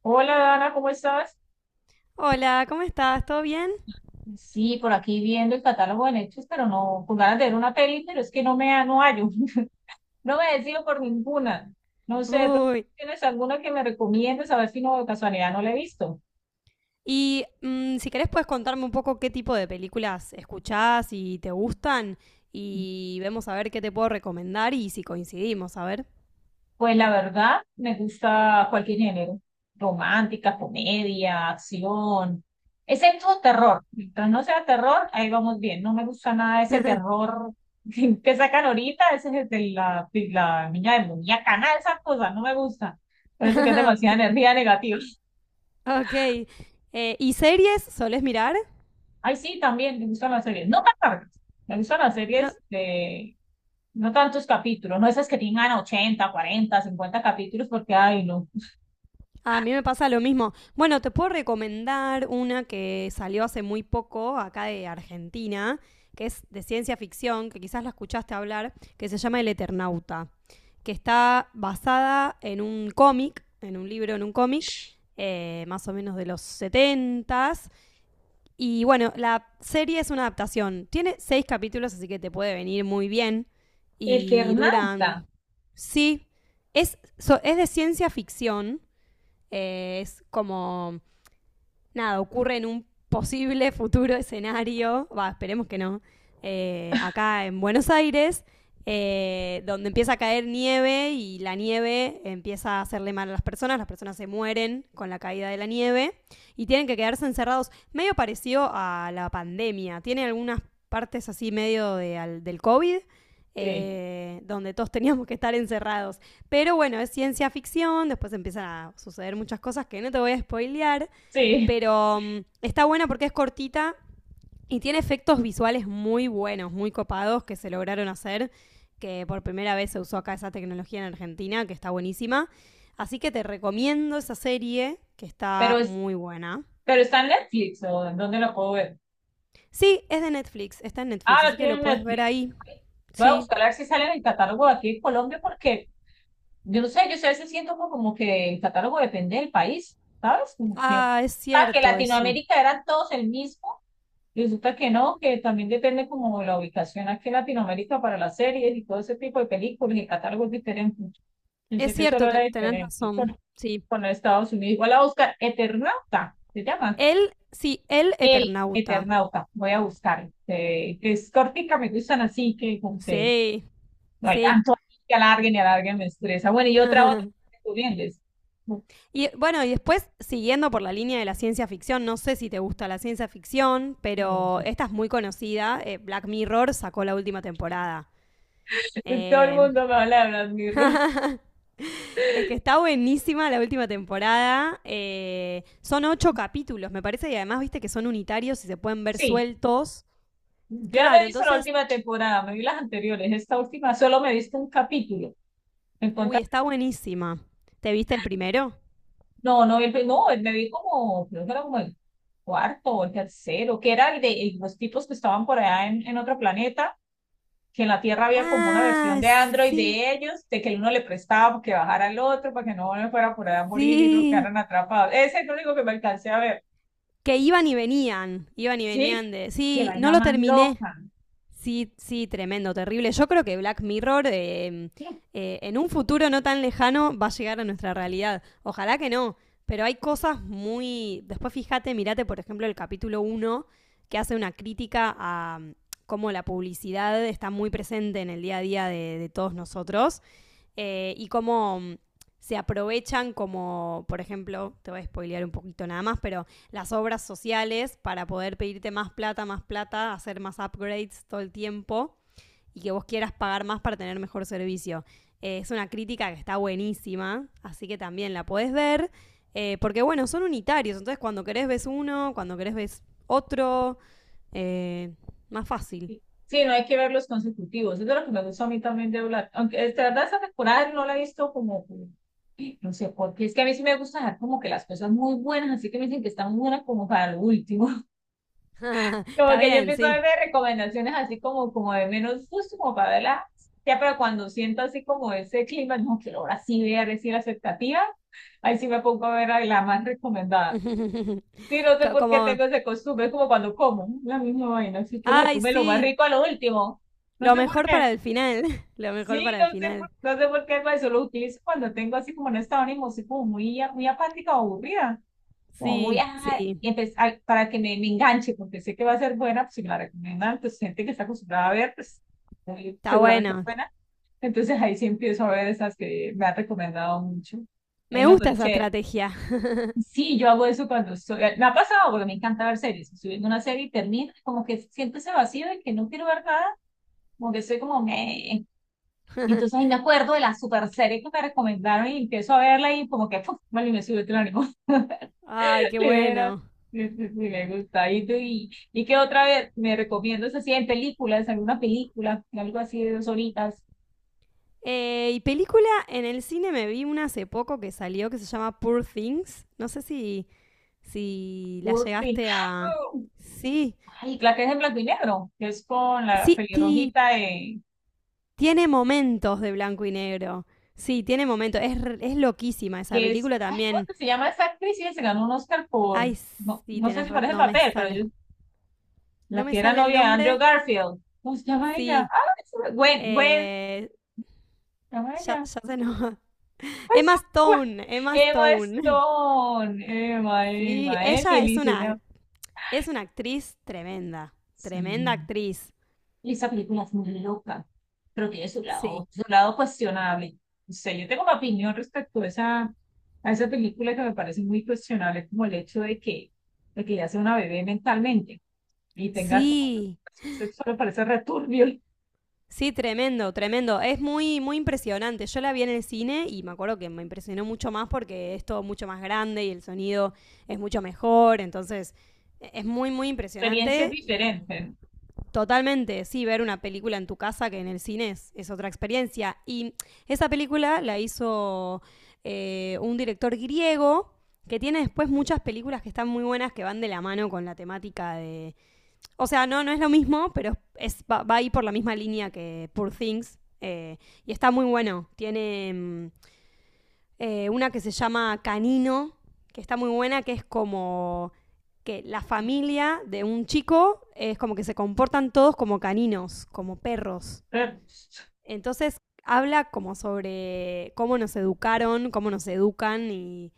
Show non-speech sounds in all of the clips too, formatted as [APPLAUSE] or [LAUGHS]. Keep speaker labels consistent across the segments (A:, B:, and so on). A: Hola Dana, ¿cómo estás?
B: Hola, ¿cómo estás? ¿Todo bien?
A: Sí, por aquí viendo el catálogo de Netflix, pero no, con ganas de ver una peli, pero es que no hallo, [LAUGHS] no me decido por ninguna. No sé, pero
B: Uy.
A: ¿tienes alguna que me recomiendes? A ver si no de casualidad no la he visto.
B: Si querés puedes contarme un poco qué tipo de películas escuchás y te gustan y vemos a ver qué te puedo recomendar y si coincidimos, a ver.
A: Pues la verdad, me gusta cualquier género. Romántica, comedia, acción, excepto terror. Mientras no sea terror, ahí vamos bien. No me gusta nada ese
B: [LAUGHS]
A: terror [LAUGHS] que sacan ahorita, ese es el de la niña demoníaca, nada de esas cosas, no me gusta. Parece que es
B: Ok.
A: demasiada energía negativa.
B: Ok. ¿Y series solés mirar?
A: [LAUGHS] Ay, sí, también me gustan las series. No tan largas. Me gustan las
B: No,
A: series de no tantos capítulos, no esas que tengan 80 40 50 capítulos, porque, ay, no.
B: a mí me pasa lo mismo. Bueno, te puedo recomendar una que salió hace muy poco acá de Argentina, que es de ciencia ficción, que quizás la escuchaste hablar, que se llama El Eternauta. Que está basada en un cómic, en un libro, en un cómic, más o menos de los 70. Y bueno, la serie es una adaptación. Tiene seis capítulos, así que te puede venir muy bien. Y
A: Eternauta.
B: duran. Sí, es de ciencia ficción. Es como nada, ocurre en un posible futuro escenario, va, esperemos que no, acá en Buenos Aires, donde empieza a caer nieve y la nieve empieza a hacerle mal a las personas se mueren con la caída de la nieve y tienen que quedarse encerrados, medio parecido a la pandemia, tiene algunas partes así medio del COVID,
A: Sí.
B: donde todos [LAUGHS] teníamos que estar encerrados. Pero bueno, es ciencia ficción, después empiezan a suceder muchas cosas que no te voy a spoilear,
A: Sí,
B: pero está buena porque es cortita y tiene efectos visuales muy buenos, muy copados que se lograron hacer, que por primera vez se usó acá esa tecnología en Argentina, que está buenísima. Así que te recomiendo esa serie, que está
A: pero,
B: muy buena.
A: pero ¿está en Netflix o en dónde lo puedo ver?
B: Sí, es de Netflix, está en Netflix,
A: Ah, lo
B: así que
A: tiene
B: lo
A: en
B: puedes ver
A: Netflix.
B: ahí.
A: Voy a
B: Sí.
A: buscar a ver si sale en el catálogo de aquí en Colombia porque yo no sé, yo sé, a veces siento como que el catálogo depende del país, ¿sabes? Como que,
B: Ah, es
A: ah, que
B: cierto eso.
A: Latinoamérica eran todos el mismo, y resulta que no, que también depende como la ubicación aquí en Latinoamérica para las series y todo ese tipo de películas y el catálogo es diferente.
B: Es
A: Pensé que
B: cierto,
A: solo era
B: tenés
A: diferente
B: razón. Sí.
A: con Estados Unidos. Igual a buscar Eternauta, se llama.
B: Él, sí, el
A: El
B: Eternauta.
A: Eternauta, voy a buscar. Es cortica, me gustan, así que como que
B: Sí,
A: no hay
B: sí.
A: tanto ahí que alarguen y alarguen, me estresa. Bueno, y otra,
B: [LAUGHS]
A: tú vienes.
B: Y bueno, y después, siguiendo por la línea de la ciencia ficción, no sé si te gusta la ciencia ficción, pero esta es muy conocida. Black Mirror sacó la última temporada.
A: Este, todo el
B: Eh,
A: mundo me habla de Black Mirror.
B: [LAUGHS] es que está buenísima la última temporada. Son ocho capítulos, me parece, y además viste que son unitarios y se pueden ver
A: Sí,
B: sueltos.
A: yo no me
B: Claro,
A: he visto la
B: entonces,
A: última temporada, me vi las anteriores. Esta última solo me he visto un capítulo. Me encontré-
B: uy, está buenísima. ¿Te viste el primero?
A: No, no, no, me vi como, creo que era como el cuarto o el tercero, que era el de los tipos que estaban por allá en otro planeta, que en la Tierra había como una versión
B: Ah,
A: de Android
B: sí,
A: de ellos, de que uno le prestaba para que bajara al otro, para que no me fuera por allá a morir y no
B: sí.
A: quedaran atrapados. Ese es el único que me alcancé a ver.
B: Que iban y
A: Sí,
B: venían de...
A: qué
B: Sí, no
A: vaina
B: lo
A: más
B: terminé.
A: loca.
B: Sí, sí, tremendo, terrible. Yo creo que Black Mirror, en un futuro no tan lejano va a llegar a nuestra realidad. Ojalá que no, pero hay cosas muy... Después fíjate, mirate por ejemplo el capítulo uno, que hace una crítica a cómo la publicidad está muy presente en el día a día de todos nosotros, y cómo se aprovechan como, por ejemplo, te voy a spoilear un poquito nada más, pero las obras sociales para poder pedirte más plata, hacer más upgrades todo el tiempo y que vos quieras pagar más para tener mejor servicio. Es una crítica que está buenísima, así que también la podés ver, porque bueno, son unitarios, entonces cuando querés ves uno, cuando querés ves otro, eh, más fácil.
A: Sí, no hay que ver los consecutivos. Eso es de lo que me gusta a mí también de Black. Aunque de verdad esta temporada no la he visto no sé, porque es que a mí sí me gusta dejar como que las cosas muy buenas, así que me dicen que están muy buenas como para lo último.
B: [LAUGHS]
A: Como
B: Está
A: que yo
B: bien,
A: empiezo a
B: sí.
A: ver recomendaciones así como, como de menos justo, como para verla. Ya, pero cuando siento así como ese clima, no quiero ahora sí ver, decir la expectativa, ahí sí me pongo a ver a la más recomendada. Sí, no sé
B: [LAUGHS]
A: por qué
B: Como,
A: tengo ese costumbre, es como cuando como, la misma vaina, así que uno se
B: ay,
A: come lo más
B: sí,
A: rico a lo último. No
B: lo
A: sé por
B: mejor
A: qué.
B: para el final. [LAUGHS] Lo mejor
A: Sí,
B: para el final.
A: no sé por qué, pero eso lo utilizo cuando tengo así como un estado de ánimo, así como muy, muy apática o aburrida, como muy,
B: Sí,
A: ah,
B: sí.
A: y para me enganche, porque sé que va a ser buena, pues si me la recomiendan, pues gente que está acostumbrada a ver, pues
B: Está
A: seguramente es
B: bueno.
A: buena. Entonces ahí sí empiezo a ver esas que me han recomendado mucho. Ay,
B: Me
A: no,
B: gusta
A: pero
B: esa
A: chévere.
B: estrategia.
A: Sí, yo hago eso cuando estoy, me ha pasado porque me encanta ver series. Estoy viendo una serie y termino, como que siento ese vacío de que no quiero ver nada, como que estoy como, me... Entonces ahí
B: [LAUGHS]
A: me acuerdo de la super serie que me recomendaron y empiezo a verla y como que, ¡pum! Vale, me sube el ánimo. [LAUGHS]
B: Ay, qué
A: De veras.
B: bueno.
A: Sí, sí, sí, me gusta. ¿Y, y qué otra vez me recomiendas así en películas, alguna película, algo así de dos horitas?
B: Y película en el cine me vi una hace poco que salió que se llama Poor Things. No sé si la
A: Wall Street.
B: llegaste a.
A: [GASPS]
B: Sí,
A: Ay, la que es en blanco y negro, que es con la
B: sí,
A: pelirrojita de,
B: tiene momentos de blanco y negro. Sí, tiene momentos. Es loquísima esa
A: que es,
B: película
A: ay, ¿cómo es
B: también.
A: que se llama esa actriz? Y se ganó un Oscar por,
B: Ay,
A: no,
B: sí,
A: no sé si parece
B: no me
A: papel, pero
B: sale.
A: yo,
B: No
A: la
B: me
A: que era
B: sale el
A: novia de Andrew
B: nombre.
A: Garfield. ¿Cómo se llama ella?
B: Sí.
A: Ah, Gwen, Gwen,
B: Eh,
A: ¿cómo ¿se llama
B: ya,
A: ella?
B: ya se nos... [LAUGHS]
A: Pues
B: Emma
A: [LAUGHS] fue
B: Stone, Emma
A: Emma
B: Stone. [LAUGHS]
A: Stone, Emma,
B: Sí,
A: Emma,
B: ella
A: Emily se llama.
B: es una actriz tremenda, tremenda
A: Sí.
B: actriz.
A: Y esa película es muy loca. Creo que tiene
B: Sí.
A: su lado cuestionable. O sea, yo tengo una opinión respecto a a esa película que me parece muy cuestionable, como el hecho de que ya sea una bebé mentalmente y tenga como esa
B: Sí,
A: educación sexual, me parece returbio.
B: sí, tremendo, tremendo. Es muy, muy impresionante. Yo la vi en el cine y me acuerdo que me impresionó mucho más porque es todo mucho más grande y el sonido es mucho mejor. Entonces, es muy, muy
A: Experiencias
B: impresionante y...
A: diferentes.
B: Totalmente, sí, ver una película en tu casa que en el cine es otra experiencia. Y esa película la hizo un director griego que tiene después muchas películas que están muy buenas que van de la mano con la temática de... O sea, no, no es lo mismo, pero es, va ahí por la misma línea que Poor Things. Y está muy bueno. Tiene... una que se llama Canino, que está muy buena, que es como que la familia de un chico es como que se comportan todos como caninos, como perros.
A: Pero,
B: Entonces habla como sobre cómo nos educaron, cómo nos educan y,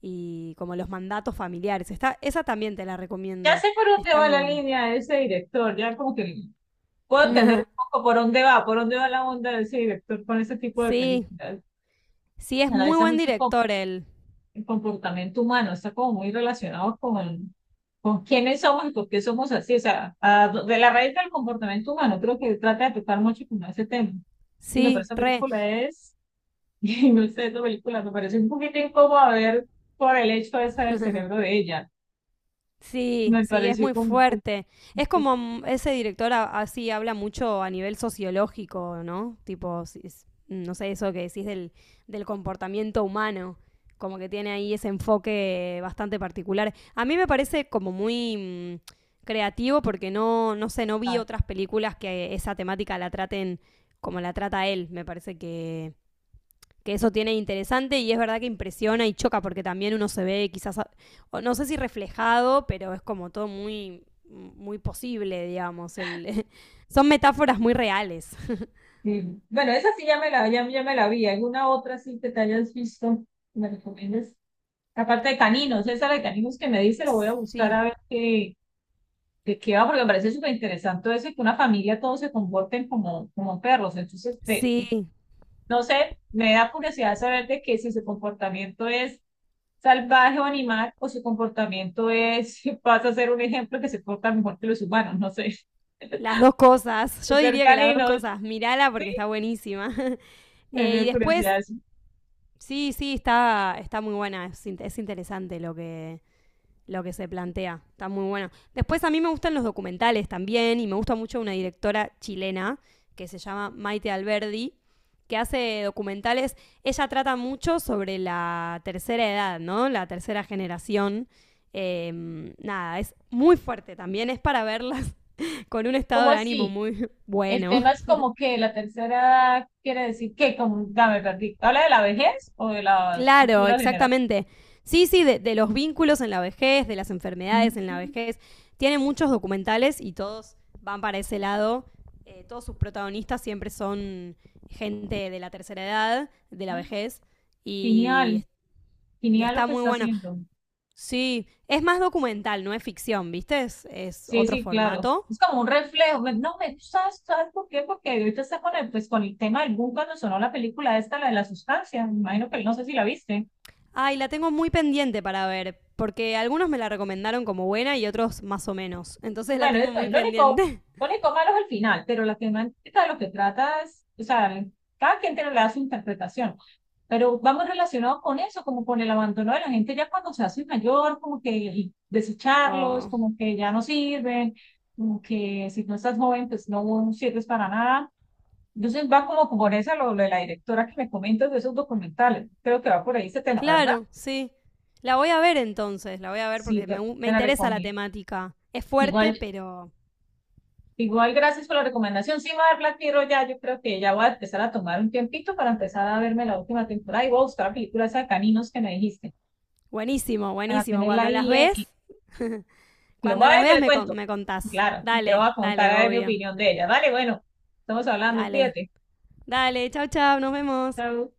B: y como los mandatos familiares. Esa también te la
A: ya
B: recomiendo.
A: sé por dónde
B: Está
A: va la
B: muy
A: línea de ese director, ya como que puedo entender un
B: buena.
A: poco por dónde va la onda de ese director con ese tipo de
B: [LAUGHS] Sí,
A: películas.
B: sí, es muy
A: Analiza
B: buen
A: mucho
B: director él.
A: el comportamiento humano, está como muy relacionado con quiénes somos y por qué somos así, o sea, de la raíz del comportamiento humano, creo que trata de tocar mucho con ese tema. Y no, pero
B: Sí,
A: esa
B: re.
A: película es, [LAUGHS] y no sé, esta película me parece un poquito incómodo ver por el hecho ese del cerebro
B: [LAUGHS]
A: de ella,
B: Sí,
A: me
B: sí, es
A: pareció
B: muy
A: como un poco
B: fuerte. Es como ese director así habla mucho a nivel sociológico, ¿no? Tipo, no sé, eso que decís del, del comportamiento humano, como que tiene ahí ese enfoque bastante particular. A mí me parece como muy creativo porque no, no sé, no vi
A: complicado.
B: otras películas que esa temática la traten como la trata él. Me parece que eso tiene interesante y es verdad que impresiona y choca porque también uno se ve quizás, no sé si reflejado, pero es como todo muy, muy posible, digamos. [LAUGHS] Son metáforas muy reales.
A: Y, bueno, esa sí ya me la, ya, ya me la vi. ¿Alguna otra sí que te hayas visto? Que ¿me recomiendas? Aparte de caninos, esa de caninos que me dice, lo voy a buscar
B: Sí,
A: a ver qué, ¿de qué va? Porque me parece súper interesante eso y que una familia todos se comporten como, como perros. Entonces,
B: sí,
A: no sé, me da curiosidad saber de que si su comportamiento es salvaje o animal o su comportamiento es, [LAUGHS] pasa a ser un ejemplo que se porta mejor que los humanos, no sé. [LAUGHS]
B: las dos cosas. Yo
A: De ser
B: diría que las dos
A: caninos,
B: cosas. Mírala
A: sí,
B: porque está buenísima. [LAUGHS]
A: me
B: Y
A: da
B: después,
A: curiosidad eso.
B: sí, sí, está muy buena. Es interesante lo que se plantea. Está muy bueno. Después a mí me gustan los documentales también y me gusta mucho una directora chilena que se llama Maite Alberdi, que hace documentales. Ella trata mucho sobre la tercera edad, ¿no? La tercera generación. Eh, Nada, es muy fuerte también, es para verlas [LAUGHS] con un estado
A: ¿Cómo
B: de ánimo
A: así?
B: muy
A: El
B: bueno.
A: tema es como que la tercera edad quiere decir que, como, dame, perdí. ¿Habla de la vejez o de la
B: Claro,
A: cultura general?
B: exactamente. Sí, sí, de los vínculos en la vejez, de las
A: Mm,
B: enfermedades en la vejez. Tiene muchos documentales y todos van para ese lado. Todos sus protagonistas siempre son gente de la tercera edad, de la
A: ay,
B: vejez,
A: genial,
B: y, y
A: genial lo
B: está
A: que
B: muy
A: está
B: bueno.
A: haciendo.
B: Sí, es más documental, no es ficción, ¿viste? Es
A: Sí,
B: otro
A: sí, claro.
B: formato.
A: Es como un reflejo. Me- No, me, ¿sabes, sabes por qué? Porque ahorita está con el, pues, con el tema del boom cuando sonó la película esta, la de la sustancia. Me imagino que no sé si la viste.
B: Ay, la tengo muy pendiente para ver, porque algunos me la recomendaron como buena y otros más o menos. Entonces la
A: Bueno,
B: tengo muy pendiente. [LAUGHS]
A: lo único malo es el final, pero la temática de lo que trata es, o sea, cada quien tiene le da su interpretación. Pero vamos relacionados con eso, como con el abandono de la gente ya cuando se hace mayor, como que y desecharlos,
B: Oh.
A: como que ya no sirven, como que si no estás joven, pues no sirves para nada. Entonces va como por esa, lo de la directora que me comentas de esos documentales. Creo que va por ahí ese tema, ¿verdad?
B: Claro, sí. La voy a ver entonces, la voy a ver
A: Sí,
B: porque me
A: te la
B: interesa la
A: recomiendo.
B: temática. Es fuerte,
A: Igual,
B: pero
A: igual, gracias por la recomendación. Sí, me voy a ver Black Mirror ya. Yo creo que ya voy a empezar a tomar un tiempito para empezar a verme la última temporada y voy a buscar la película esa de caninos que me dijiste,
B: buenísimo,
A: para
B: buenísimo.
A: tenerla ahí y lo
B: Cuando
A: voy a ver
B: las
A: y te
B: veas
A: le cuento.
B: me contás.
A: Claro, te
B: Dale,
A: voy a contar
B: dale,
A: a ver mi
B: obvio.
A: opinión de ella. Vale, bueno, estamos hablando,
B: Dale,
A: cuídate.
B: dale, chau, chau, nos vemos.
A: Chao.